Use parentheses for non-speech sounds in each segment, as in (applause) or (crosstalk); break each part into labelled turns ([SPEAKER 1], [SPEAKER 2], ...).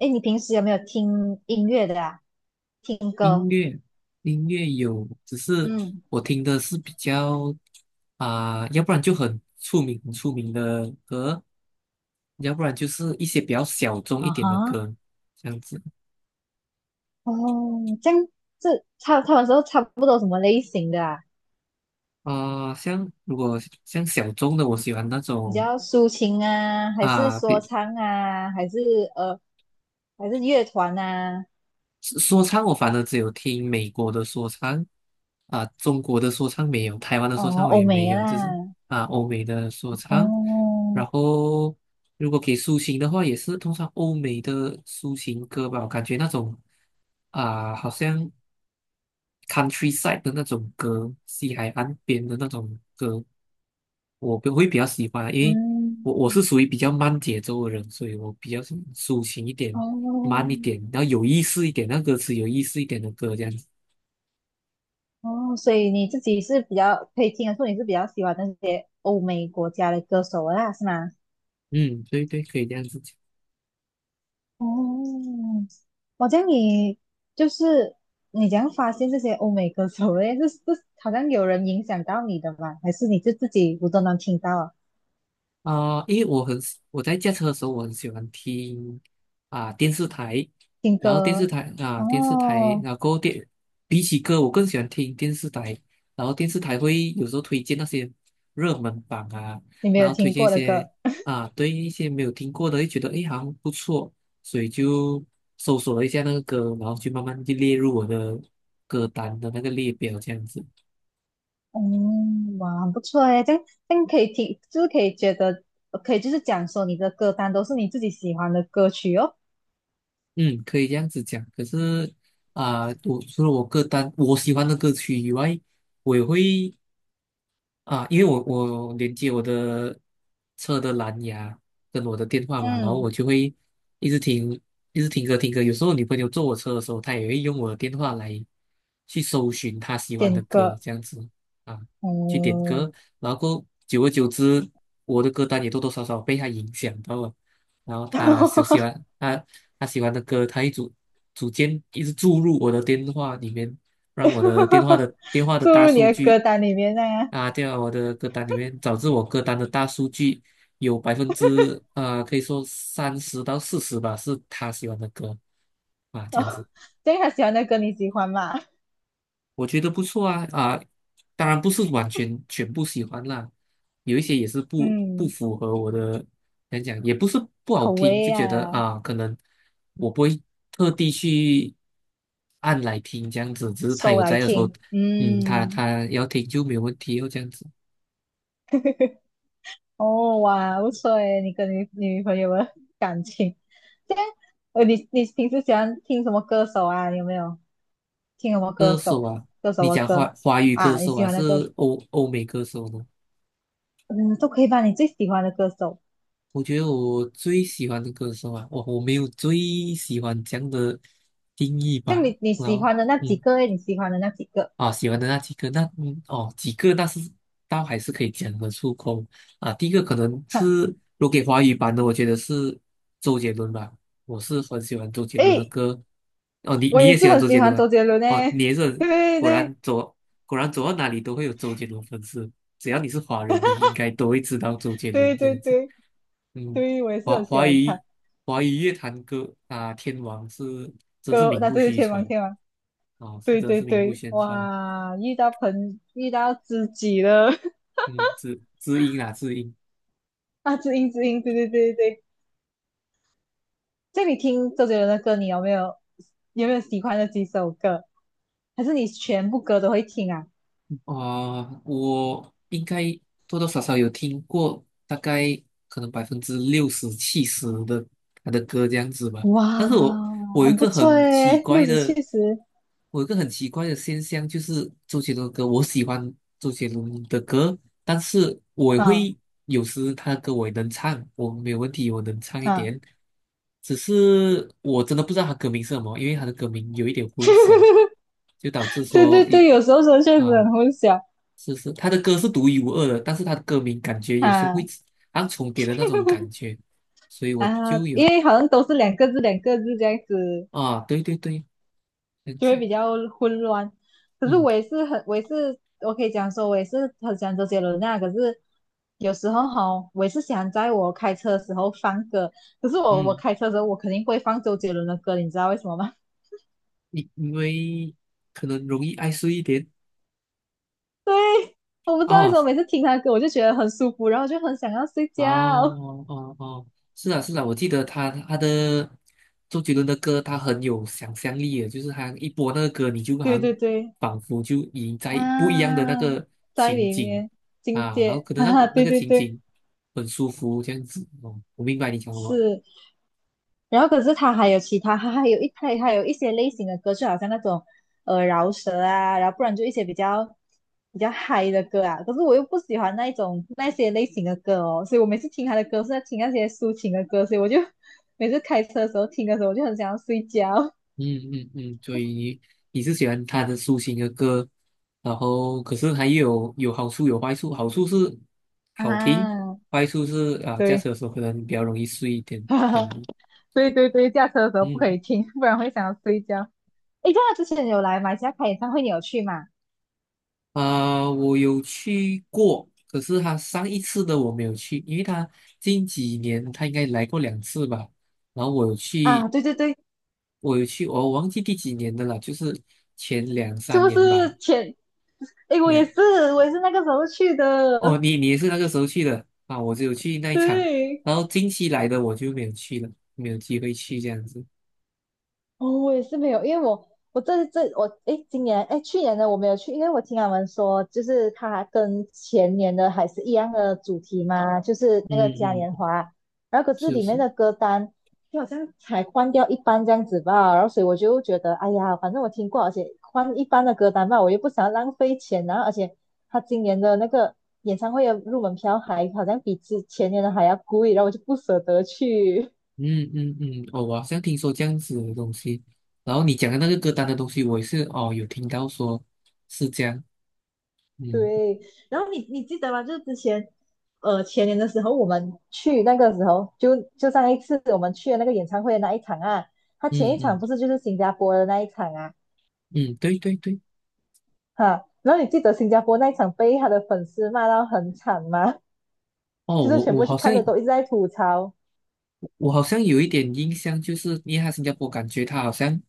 [SPEAKER 1] 哎，你平时有没有听音乐的啊？听歌？
[SPEAKER 2] 音乐，音乐有，只是
[SPEAKER 1] 嗯。
[SPEAKER 2] 我听的是比较要不然就很出名、很出名的歌，要不然就是一些比较小众一
[SPEAKER 1] 啊
[SPEAKER 2] 点的
[SPEAKER 1] 哈。
[SPEAKER 2] 歌，这样子。
[SPEAKER 1] 哦，这样。他们都差不多什么类型的啊？
[SPEAKER 2] 像如果像小众的，我喜欢那
[SPEAKER 1] 比
[SPEAKER 2] 种
[SPEAKER 1] 较抒情啊，还是
[SPEAKER 2] 啊、
[SPEAKER 1] 说
[SPEAKER 2] 比
[SPEAKER 1] 唱啊，呃，还是乐团啊？
[SPEAKER 2] 说唱我反而只有听美国的说唱，中国的说唱没有，台湾的说
[SPEAKER 1] 哦，
[SPEAKER 2] 唱我
[SPEAKER 1] 欧
[SPEAKER 2] 也没
[SPEAKER 1] 美
[SPEAKER 2] 有，就是
[SPEAKER 1] 啦。
[SPEAKER 2] 欧美的说唱。
[SPEAKER 1] 哦。
[SPEAKER 2] 然后如果给抒情的话，也是通常欧美的抒情歌吧，我感觉那种好像 countryside 的那种歌，西海岸边的那种歌，我会比较喜欢啊，因为我是
[SPEAKER 1] 嗯。
[SPEAKER 2] 属于比较慢节奏的人，所以我比较喜欢抒情一点、
[SPEAKER 1] 哦。
[SPEAKER 2] 慢一点，然后有意思一点，那歌词有意思一点的歌这样子。
[SPEAKER 1] 哦，所以你自己是比较可以听得出你是比较喜欢那些欧美国家的歌手啦，是吗？
[SPEAKER 2] 嗯，对对，可以这样子讲。
[SPEAKER 1] 哦，我这样你就是你怎样发现这些欧美歌手嘞？(laughs) 是是，好像有人影响到你的吧？还是你就自己无都能听到啊？
[SPEAKER 2] 因为我很喜我在驾车的时候，我很喜欢听电视台，
[SPEAKER 1] 听
[SPEAKER 2] 然后
[SPEAKER 1] 歌。
[SPEAKER 2] 电视台，
[SPEAKER 1] 哦，
[SPEAKER 2] 然后电比起歌，我更喜欢听电视台，然后电视台会有时候推荐那些热门榜啊，
[SPEAKER 1] 你没
[SPEAKER 2] 然
[SPEAKER 1] 有
[SPEAKER 2] 后推
[SPEAKER 1] 听
[SPEAKER 2] 荐一
[SPEAKER 1] 过的
[SPEAKER 2] 些
[SPEAKER 1] 歌。
[SPEAKER 2] 对一些没有听过的，就觉得诶好像不错，所以就搜索了一下那个歌，然后就慢慢就列入我的歌单的那个列表这样子。
[SPEAKER 1] 嗯，哇，很不错诶。这样可以听，就是可以觉得可以就是讲说你的歌单都是你自己喜欢的歌曲哦。
[SPEAKER 2] 嗯，可以这样子讲。可是我除了我歌单我喜欢的歌曲以外，我也会啊，因为我连接我的车的蓝牙跟我的电话嘛，然后
[SPEAKER 1] 嗯。
[SPEAKER 2] 我就会一直听，一直听歌听歌。有时候女朋友坐我车的时候，她也会用我的电话来去搜寻她喜欢
[SPEAKER 1] 点
[SPEAKER 2] 的歌，
[SPEAKER 1] 歌。
[SPEAKER 2] 这样子，啊，去点
[SPEAKER 1] 嗯。
[SPEAKER 2] 歌。然后过后久而久之，我的歌单也多多少少被她影响到了。然后她喜欢的歌，她组件一直注入我的电话里面，让我的电话
[SPEAKER 1] (laughs)
[SPEAKER 2] 的
[SPEAKER 1] 注
[SPEAKER 2] 大
[SPEAKER 1] 入你
[SPEAKER 2] 数
[SPEAKER 1] 的歌
[SPEAKER 2] 据。
[SPEAKER 1] 单里面那样。
[SPEAKER 2] 啊，对啊，我的歌单里面，导致我歌单的大数据有百分之可以说30到40吧，是他喜欢的歌，啊，这样子。
[SPEAKER 1] 对他喜欢的歌你喜欢吗？
[SPEAKER 2] 我觉得不错啊，当然不是完全全部喜欢啦，有一些也是不
[SPEAKER 1] 嗯，
[SPEAKER 2] 符合我的，讲也不是不好
[SPEAKER 1] 口
[SPEAKER 2] 听，
[SPEAKER 1] 味
[SPEAKER 2] 就觉得
[SPEAKER 1] 啊。
[SPEAKER 2] 啊，可能我不会特地去按来听这样子，只是他
[SPEAKER 1] 收
[SPEAKER 2] 有
[SPEAKER 1] 来
[SPEAKER 2] 在的时候，
[SPEAKER 1] 听。
[SPEAKER 2] 嗯，他
[SPEAKER 1] 嗯。
[SPEAKER 2] 他要听就没有问题哦，这样子。
[SPEAKER 1] 哦哇，不错诶，你跟你女朋友的感情。这样。你平时喜欢听什么歌手啊？你有没有听什么歌
[SPEAKER 2] 歌
[SPEAKER 1] 手？
[SPEAKER 2] 手啊，
[SPEAKER 1] 歌手
[SPEAKER 2] 你
[SPEAKER 1] 的
[SPEAKER 2] 讲华
[SPEAKER 1] 歌
[SPEAKER 2] 华语歌
[SPEAKER 1] 啊。你
[SPEAKER 2] 手
[SPEAKER 1] 喜
[SPEAKER 2] 还
[SPEAKER 1] 欢的歌。
[SPEAKER 2] 是欧美歌手呢？
[SPEAKER 1] 嗯，都可以吧。你最喜欢的歌手，
[SPEAKER 2] 我觉得我最喜欢的歌手啊，我没有最喜欢这样的定义吧。
[SPEAKER 1] 像你
[SPEAKER 2] 然
[SPEAKER 1] 喜
[SPEAKER 2] 后，
[SPEAKER 1] 欢的那几
[SPEAKER 2] 嗯。
[SPEAKER 1] 个诶，你喜欢的那几个。
[SPEAKER 2] 啊，喜欢的那几个，那几个那是倒还是可以讲得出口啊。第一个可能是
[SPEAKER 1] (laughs)
[SPEAKER 2] 如果给华语版的，我觉得是周杰伦吧，我是很喜欢周杰伦的
[SPEAKER 1] 诶，
[SPEAKER 2] 歌。哦，你
[SPEAKER 1] 我
[SPEAKER 2] 你
[SPEAKER 1] 也
[SPEAKER 2] 也喜
[SPEAKER 1] 是
[SPEAKER 2] 欢
[SPEAKER 1] 很
[SPEAKER 2] 周
[SPEAKER 1] 喜
[SPEAKER 2] 杰
[SPEAKER 1] 欢
[SPEAKER 2] 伦啊？
[SPEAKER 1] 周杰伦
[SPEAKER 2] 哦，
[SPEAKER 1] 诶。
[SPEAKER 2] 你也是。
[SPEAKER 1] 对
[SPEAKER 2] 果
[SPEAKER 1] 对
[SPEAKER 2] 然走果然走到哪里都会有周杰伦粉丝，只要你是华人，你应该都会知道周杰伦
[SPEAKER 1] 对
[SPEAKER 2] 这
[SPEAKER 1] 对
[SPEAKER 2] 样子。
[SPEAKER 1] 对
[SPEAKER 2] 嗯，
[SPEAKER 1] 对，我也是
[SPEAKER 2] 华
[SPEAKER 1] 很喜
[SPEAKER 2] 华
[SPEAKER 1] 欢
[SPEAKER 2] 语
[SPEAKER 1] 他。
[SPEAKER 2] 华语乐坛歌啊，天王是真是
[SPEAKER 1] 歌，
[SPEAKER 2] 名
[SPEAKER 1] 那
[SPEAKER 2] 不
[SPEAKER 1] 对
[SPEAKER 2] 虚
[SPEAKER 1] 天王
[SPEAKER 2] 传，
[SPEAKER 1] 天王。
[SPEAKER 2] 啊，是
[SPEAKER 1] 对
[SPEAKER 2] 真
[SPEAKER 1] 对
[SPEAKER 2] 是名不
[SPEAKER 1] 对，
[SPEAKER 2] 虚传。
[SPEAKER 1] 哇，遇到知己了。
[SPEAKER 2] 嗯，知音啦，知音。
[SPEAKER 1] (laughs) 啊，知音知音，对对对对对。这样你听周杰伦的歌，你有没有喜欢的几首歌？还是你全部歌都会听啊？
[SPEAKER 2] 啊，我应该多多少少有听过，大概可能百分之60、70的他的歌这样子吧。
[SPEAKER 1] 哇，
[SPEAKER 2] 但是我有一
[SPEAKER 1] 很不
[SPEAKER 2] 个
[SPEAKER 1] 错
[SPEAKER 2] 很奇
[SPEAKER 1] 诶，六
[SPEAKER 2] 怪
[SPEAKER 1] 十七
[SPEAKER 2] 的，
[SPEAKER 1] 十，
[SPEAKER 2] 我有一个很奇怪的现象，就是周杰伦的歌，我喜欢周杰伦的歌，但是我也
[SPEAKER 1] 啊
[SPEAKER 2] 会他的歌我也能唱，我没有问题，我能唱一
[SPEAKER 1] 啊，
[SPEAKER 2] 点。只是我真的不知道他歌名是什么，因为他的歌名有一点混淆，就导致
[SPEAKER 1] 对对
[SPEAKER 2] 说
[SPEAKER 1] 对，
[SPEAKER 2] 一。
[SPEAKER 1] 有时候说确实
[SPEAKER 2] 啊、
[SPEAKER 1] 很混淆
[SPEAKER 2] 是是，他的歌是独一无二的，但是他的歌名感觉有时候
[SPEAKER 1] 啊。
[SPEAKER 2] 会好重叠的那种感觉，
[SPEAKER 1] (laughs)
[SPEAKER 2] 所以我
[SPEAKER 1] 啊，
[SPEAKER 2] 就
[SPEAKER 1] 因
[SPEAKER 2] 有
[SPEAKER 1] 为好像都是两个字两个字这样子
[SPEAKER 2] 啊，对对对，这样
[SPEAKER 1] 就会
[SPEAKER 2] 子。
[SPEAKER 1] 比较混乱。可是
[SPEAKER 2] 嗯
[SPEAKER 1] 我也是很，我也是，我可以讲说，我也是很喜欢周杰伦啊。可是有时候哈，我也是想在我开车的时候放歌。可是我
[SPEAKER 2] 嗯，
[SPEAKER 1] 开车的时候，我肯定不会放周杰伦的歌，你知道为什么吗？
[SPEAKER 2] 因为可能容易爱睡一点
[SPEAKER 1] (laughs) 对，我不知道为什
[SPEAKER 2] 啊。
[SPEAKER 1] 么每次听他的歌，我就觉得很舒服，然后就很想要睡觉。
[SPEAKER 2] 哦哦哦，是啊是啊，我记得他的周杰伦的歌，他很有想象力的，就是他一播那个歌，你就
[SPEAKER 1] (laughs)
[SPEAKER 2] 好
[SPEAKER 1] 对
[SPEAKER 2] 像
[SPEAKER 1] 对对，
[SPEAKER 2] 仿佛就已在不一样的
[SPEAKER 1] 啊，
[SPEAKER 2] 那个
[SPEAKER 1] 在
[SPEAKER 2] 情
[SPEAKER 1] 里
[SPEAKER 2] 景，
[SPEAKER 1] 面境
[SPEAKER 2] 啊，然后
[SPEAKER 1] 界。
[SPEAKER 2] 可
[SPEAKER 1] (laughs)
[SPEAKER 2] 能
[SPEAKER 1] 哈哈，
[SPEAKER 2] 那
[SPEAKER 1] 对
[SPEAKER 2] 个
[SPEAKER 1] 对
[SPEAKER 2] 情
[SPEAKER 1] 对，
[SPEAKER 2] 景很舒服这样子哦，我明白你讲什么。
[SPEAKER 1] 是。然后可是他还有其他，他还有一它还有一些类型的歌，就好像那种饶舌啊，然后不然就一些比较嗨的歌啊。可是我又不喜欢那一种那些类型的歌哦，所以我每次听他的歌是在听那些抒情的歌，所以我就每次开车的时候听的时候，我就很想要睡觉。
[SPEAKER 2] 嗯嗯嗯，所以你是喜欢他的抒情的歌，然后可是还有有好处有坏处，好处是
[SPEAKER 1] (laughs)
[SPEAKER 2] 好听，
[SPEAKER 1] 啊，
[SPEAKER 2] 坏处是啊驾
[SPEAKER 1] 对。
[SPEAKER 2] 车的时候可能比较容易睡一点这样子。
[SPEAKER 1] (laughs) 对对对，驾车的时候不可
[SPEAKER 2] 嗯，
[SPEAKER 1] 以听，不然会想要睡觉。(laughs) 诶，这样之前有来马来西亚开演唱会，你有去吗？
[SPEAKER 2] 我有去过，可是他上一次的我没有去，因为他近几年他应该来过2次吧。然后
[SPEAKER 1] 啊，对对对。
[SPEAKER 2] 我有去，我忘记第几年的了，就是前两
[SPEAKER 1] 是
[SPEAKER 2] 三
[SPEAKER 1] 不
[SPEAKER 2] 年吧。
[SPEAKER 1] 是前哎，我也
[SPEAKER 2] 两，
[SPEAKER 1] 是，我也是那个时候去的。
[SPEAKER 2] 哦，你也是那个时候去的啊？我只有去那一场，
[SPEAKER 1] 对。
[SPEAKER 2] 然后近期来的我就没有去了，没有机会去这样子。
[SPEAKER 1] 哦，我也是没有，因为我我这这我诶，今年诶，去年的我没有去，因为我听他们说，就是它跟前年的还是一样的主题嘛，就是
[SPEAKER 2] 嗯
[SPEAKER 1] 那个嘉年
[SPEAKER 2] 嗯，
[SPEAKER 1] 华，然后可是
[SPEAKER 2] 是
[SPEAKER 1] 里面
[SPEAKER 2] 是。
[SPEAKER 1] 的歌单就好像才换掉一半这样子吧，然后所以我就觉得，哎呀，反正我听过，而且换一半的歌单吧，我又不想要浪费钱，然后而且他今年的那个演唱会的入门票还好像比之前年的还要贵，然后我就不舍得去。
[SPEAKER 2] 嗯嗯嗯，哦，我好像听说这样子的东西，然后你讲的那个歌单的东西，我也是哦有听到说是这样。嗯
[SPEAKER 1] 对，然后你记得吗？就是之前，前年的时候，我们去那个时候，就上一次我们去的那个演唱会的那一场啊，他
[SPEAKER 2] 嗯
[SPEAKER 1] 前一场
[SPEAKER 2] 嗯
[SPEAKER 1] 不是就是新加坡的那一场啊，
[SPEAKER 2] 嗯，对对对，
[SPEAKER 1] 哈，然后你记得新加坡那一场被他的粉丝骂到很惨吗？(laughs)
[SPEAKER 2] 哦，
[SPEAKER 1] 就是全部去看的都一直在吐槽，
[SPEAKER 2] 我好像有一点印象，就是因为他新加坡感觉他好像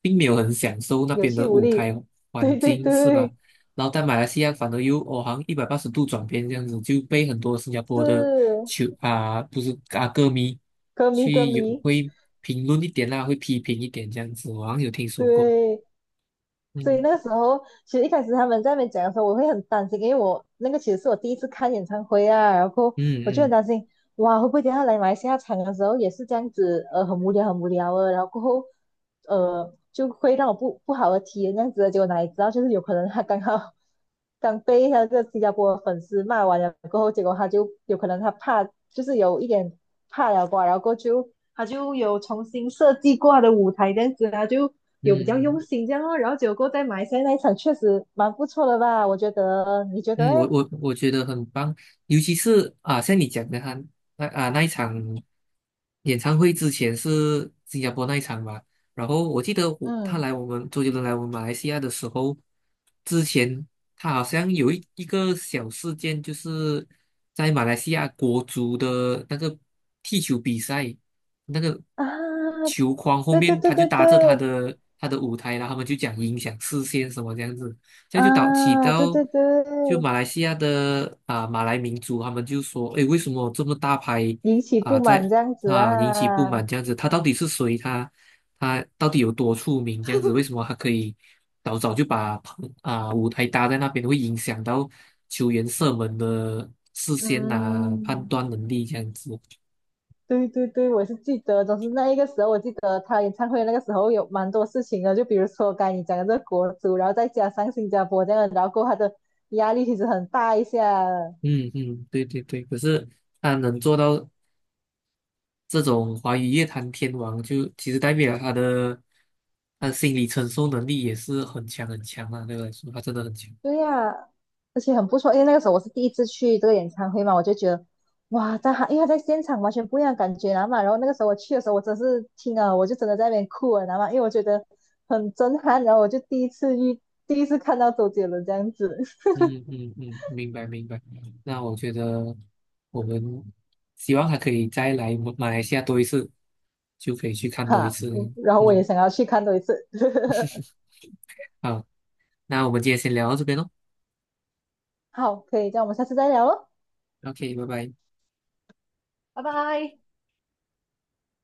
[SPEAKER 2] 并没有很享受那
[SPEAKER 1] 有
[SPEAKER 2] 边
[SPEAKER 1] 气
[SPEAKER 2] 的
[SPEAKER 1] 无
[SPEAKER 2] 舞
[SPEAKER 1] 力。
[SPEAKER 2] 台
[SPEAKER 1] (laughs)
[SPEAKER 2] 环
[SPEAKER 1] 对对
[SPEAKER 2] 境，是吧？
[SPEAKER 1] 对，
[SPEAKER 2] 然后在马来西亚反而又哦，好像180度转变这样子，就被很多新加坡的
[SPEAKER 1] 是
[SPEAKER 2] 球啊，不是啊歌迷
[SPEAKER 1] 歌迷歌
[SPEAKER 2] 去有
[SPEAKER 1] 迷。
[SPEAKER 2] 会评论一点啦，会批评一点这样子，我好像有听说过。
[SPEAKER 1] 对，所以
[SPEAKER 2] 嗯
[SPEAKER 1] 那个时候，其实一开始他们在那边讲的时候，我会很担心，因为我那个其实是我第一次看演唱会啊，然后
[SPEAKER 2] 嗯
[SPEAKER 1] 我就很
[SPEAKER 2] 嗯
[SPEAKER 1] 担心，哇，会不会等一下来马来西亚场的时候也是这样子，很无聊，很无聊啊，然后过后，就会让我不好的体验这样子的，结果哪里知道就是有可能他刚好刚被他这个新加坡的粉丝骂完了过后，结果他就有可能他怕，就是有一点怕了吧，然后过后就他就有重新设计过他的舞台这样子，他就。
[SPEAKER 2] 嗯
[SPEAKER 1] 有比较用
[SPEAKER 2] 嗯
[SPEAKER 1] 心这样哦。然后结果在马来西亚那一场确实蛮不错的吧？我觉得，你觉得
[SPEAKER 2] 嗯，我
[SPEAKER 1] 嘞？
[SPEAKER 2] 我我觉得很棒，尤其是啊，像你讲的他那一场演唱会之前是新加坡那一场嘛，然后我记得我他
[SPEAKER 1] 嗯，
[SPEAKER 2] 来我们周杰伦来我们马来西亚的时候，之前他好像有一个小事件，就是在马来西亚国足的那个踢球比赛，那个
[SPEAKER 1] 啊，
[SPEAKER 2] 球框后
[SPEAKER 1] 对对
[SPEAKER 2] 面
[SPEAKER 1] 对
[SPEAKER 2] 他就
[SPEAKER 1] 对
[SPEAKER 2] 搭着
[SPEAKER 1] 对，
[SPEAKER 2] 他的舞台，然后他们就讲影响视线什么这样子。这样就导起
[SPEAKER 1] 啊，对
[SPEAKER 2] 到
[SPEAKER 1] 对
[SPEAKER 2] 就
[SPEAKER 1] 对，
[SPEAKER 2] 马来西亚的，马来民族，他们就说，诶，为什么这么大牌
[SPEAKER 1] 引起
[SPEAKER 2] 啊、
[SPEAKER 1] 不满
[SPEAKER 2] 在
[SPEAKER 1] 这样子
[SPEAKER 2] 引起不
[SPEAKER 1] 啊。
[SPEAKER 2] 满这样子？他到底是谁？他到底有多出名？这样子，为什么他可以早早就把舞台搭在那边，会影响到球员射门的视线啊、判
[SPEAKER 1] 嗯，
[SPEAKER 2] 断能力这样子？
[SPEAKER 1] 对对对，我是记得，总是那一个时候，我记得他演唱会那个时候有蛮多事情的，就比如说刚才你讲的这个国足，然后再加上新加坡这样的然后过后他的压力其实很大一下。
[SPEAKER 2] 嗯嗯，对对对，可是他能做到。这种华语乐坛天王就其实代表他的心理承受能力也是很强很强啊，对我来说他真的很强。
[SPEAKER 1] 对呀、而且很不错，因为那个时候我是第一次去这个演唱会嘛，我就觉得哇，因为他在现场完全不一样的感觉，你知道吗然后那个时候我去的时候，我真是听啊，我就真的在那边哭了，你知道吗因为我觉得很震撼，然后我就第一次看到周杰伦这样子。
[SPEAKER 2] 嗯嗯嗯，嗯，明白明白。那我觉得我们希望他可以再来马来西亚多一次，就可以去
[SPEAKER 1] (laughs)
[SPEAKER 2] 看多一
[SPEAKER 1] 哈，
[SPEAKER 2] 次。
[SPEAKER 1] 然后我也
[SPEAKER 2] 嗯，
[SPEAKER 1] 想要去看多一次。(laughs)
[SPEAKER 2] (laughs) 好，那我们今天先聊到这边喽。
[SPEAKER 1] 好，可以，这样我们下次再聊喽，
[SPEAKER 2] OK，拜拜。
[SPEAKER 1] 拜拜。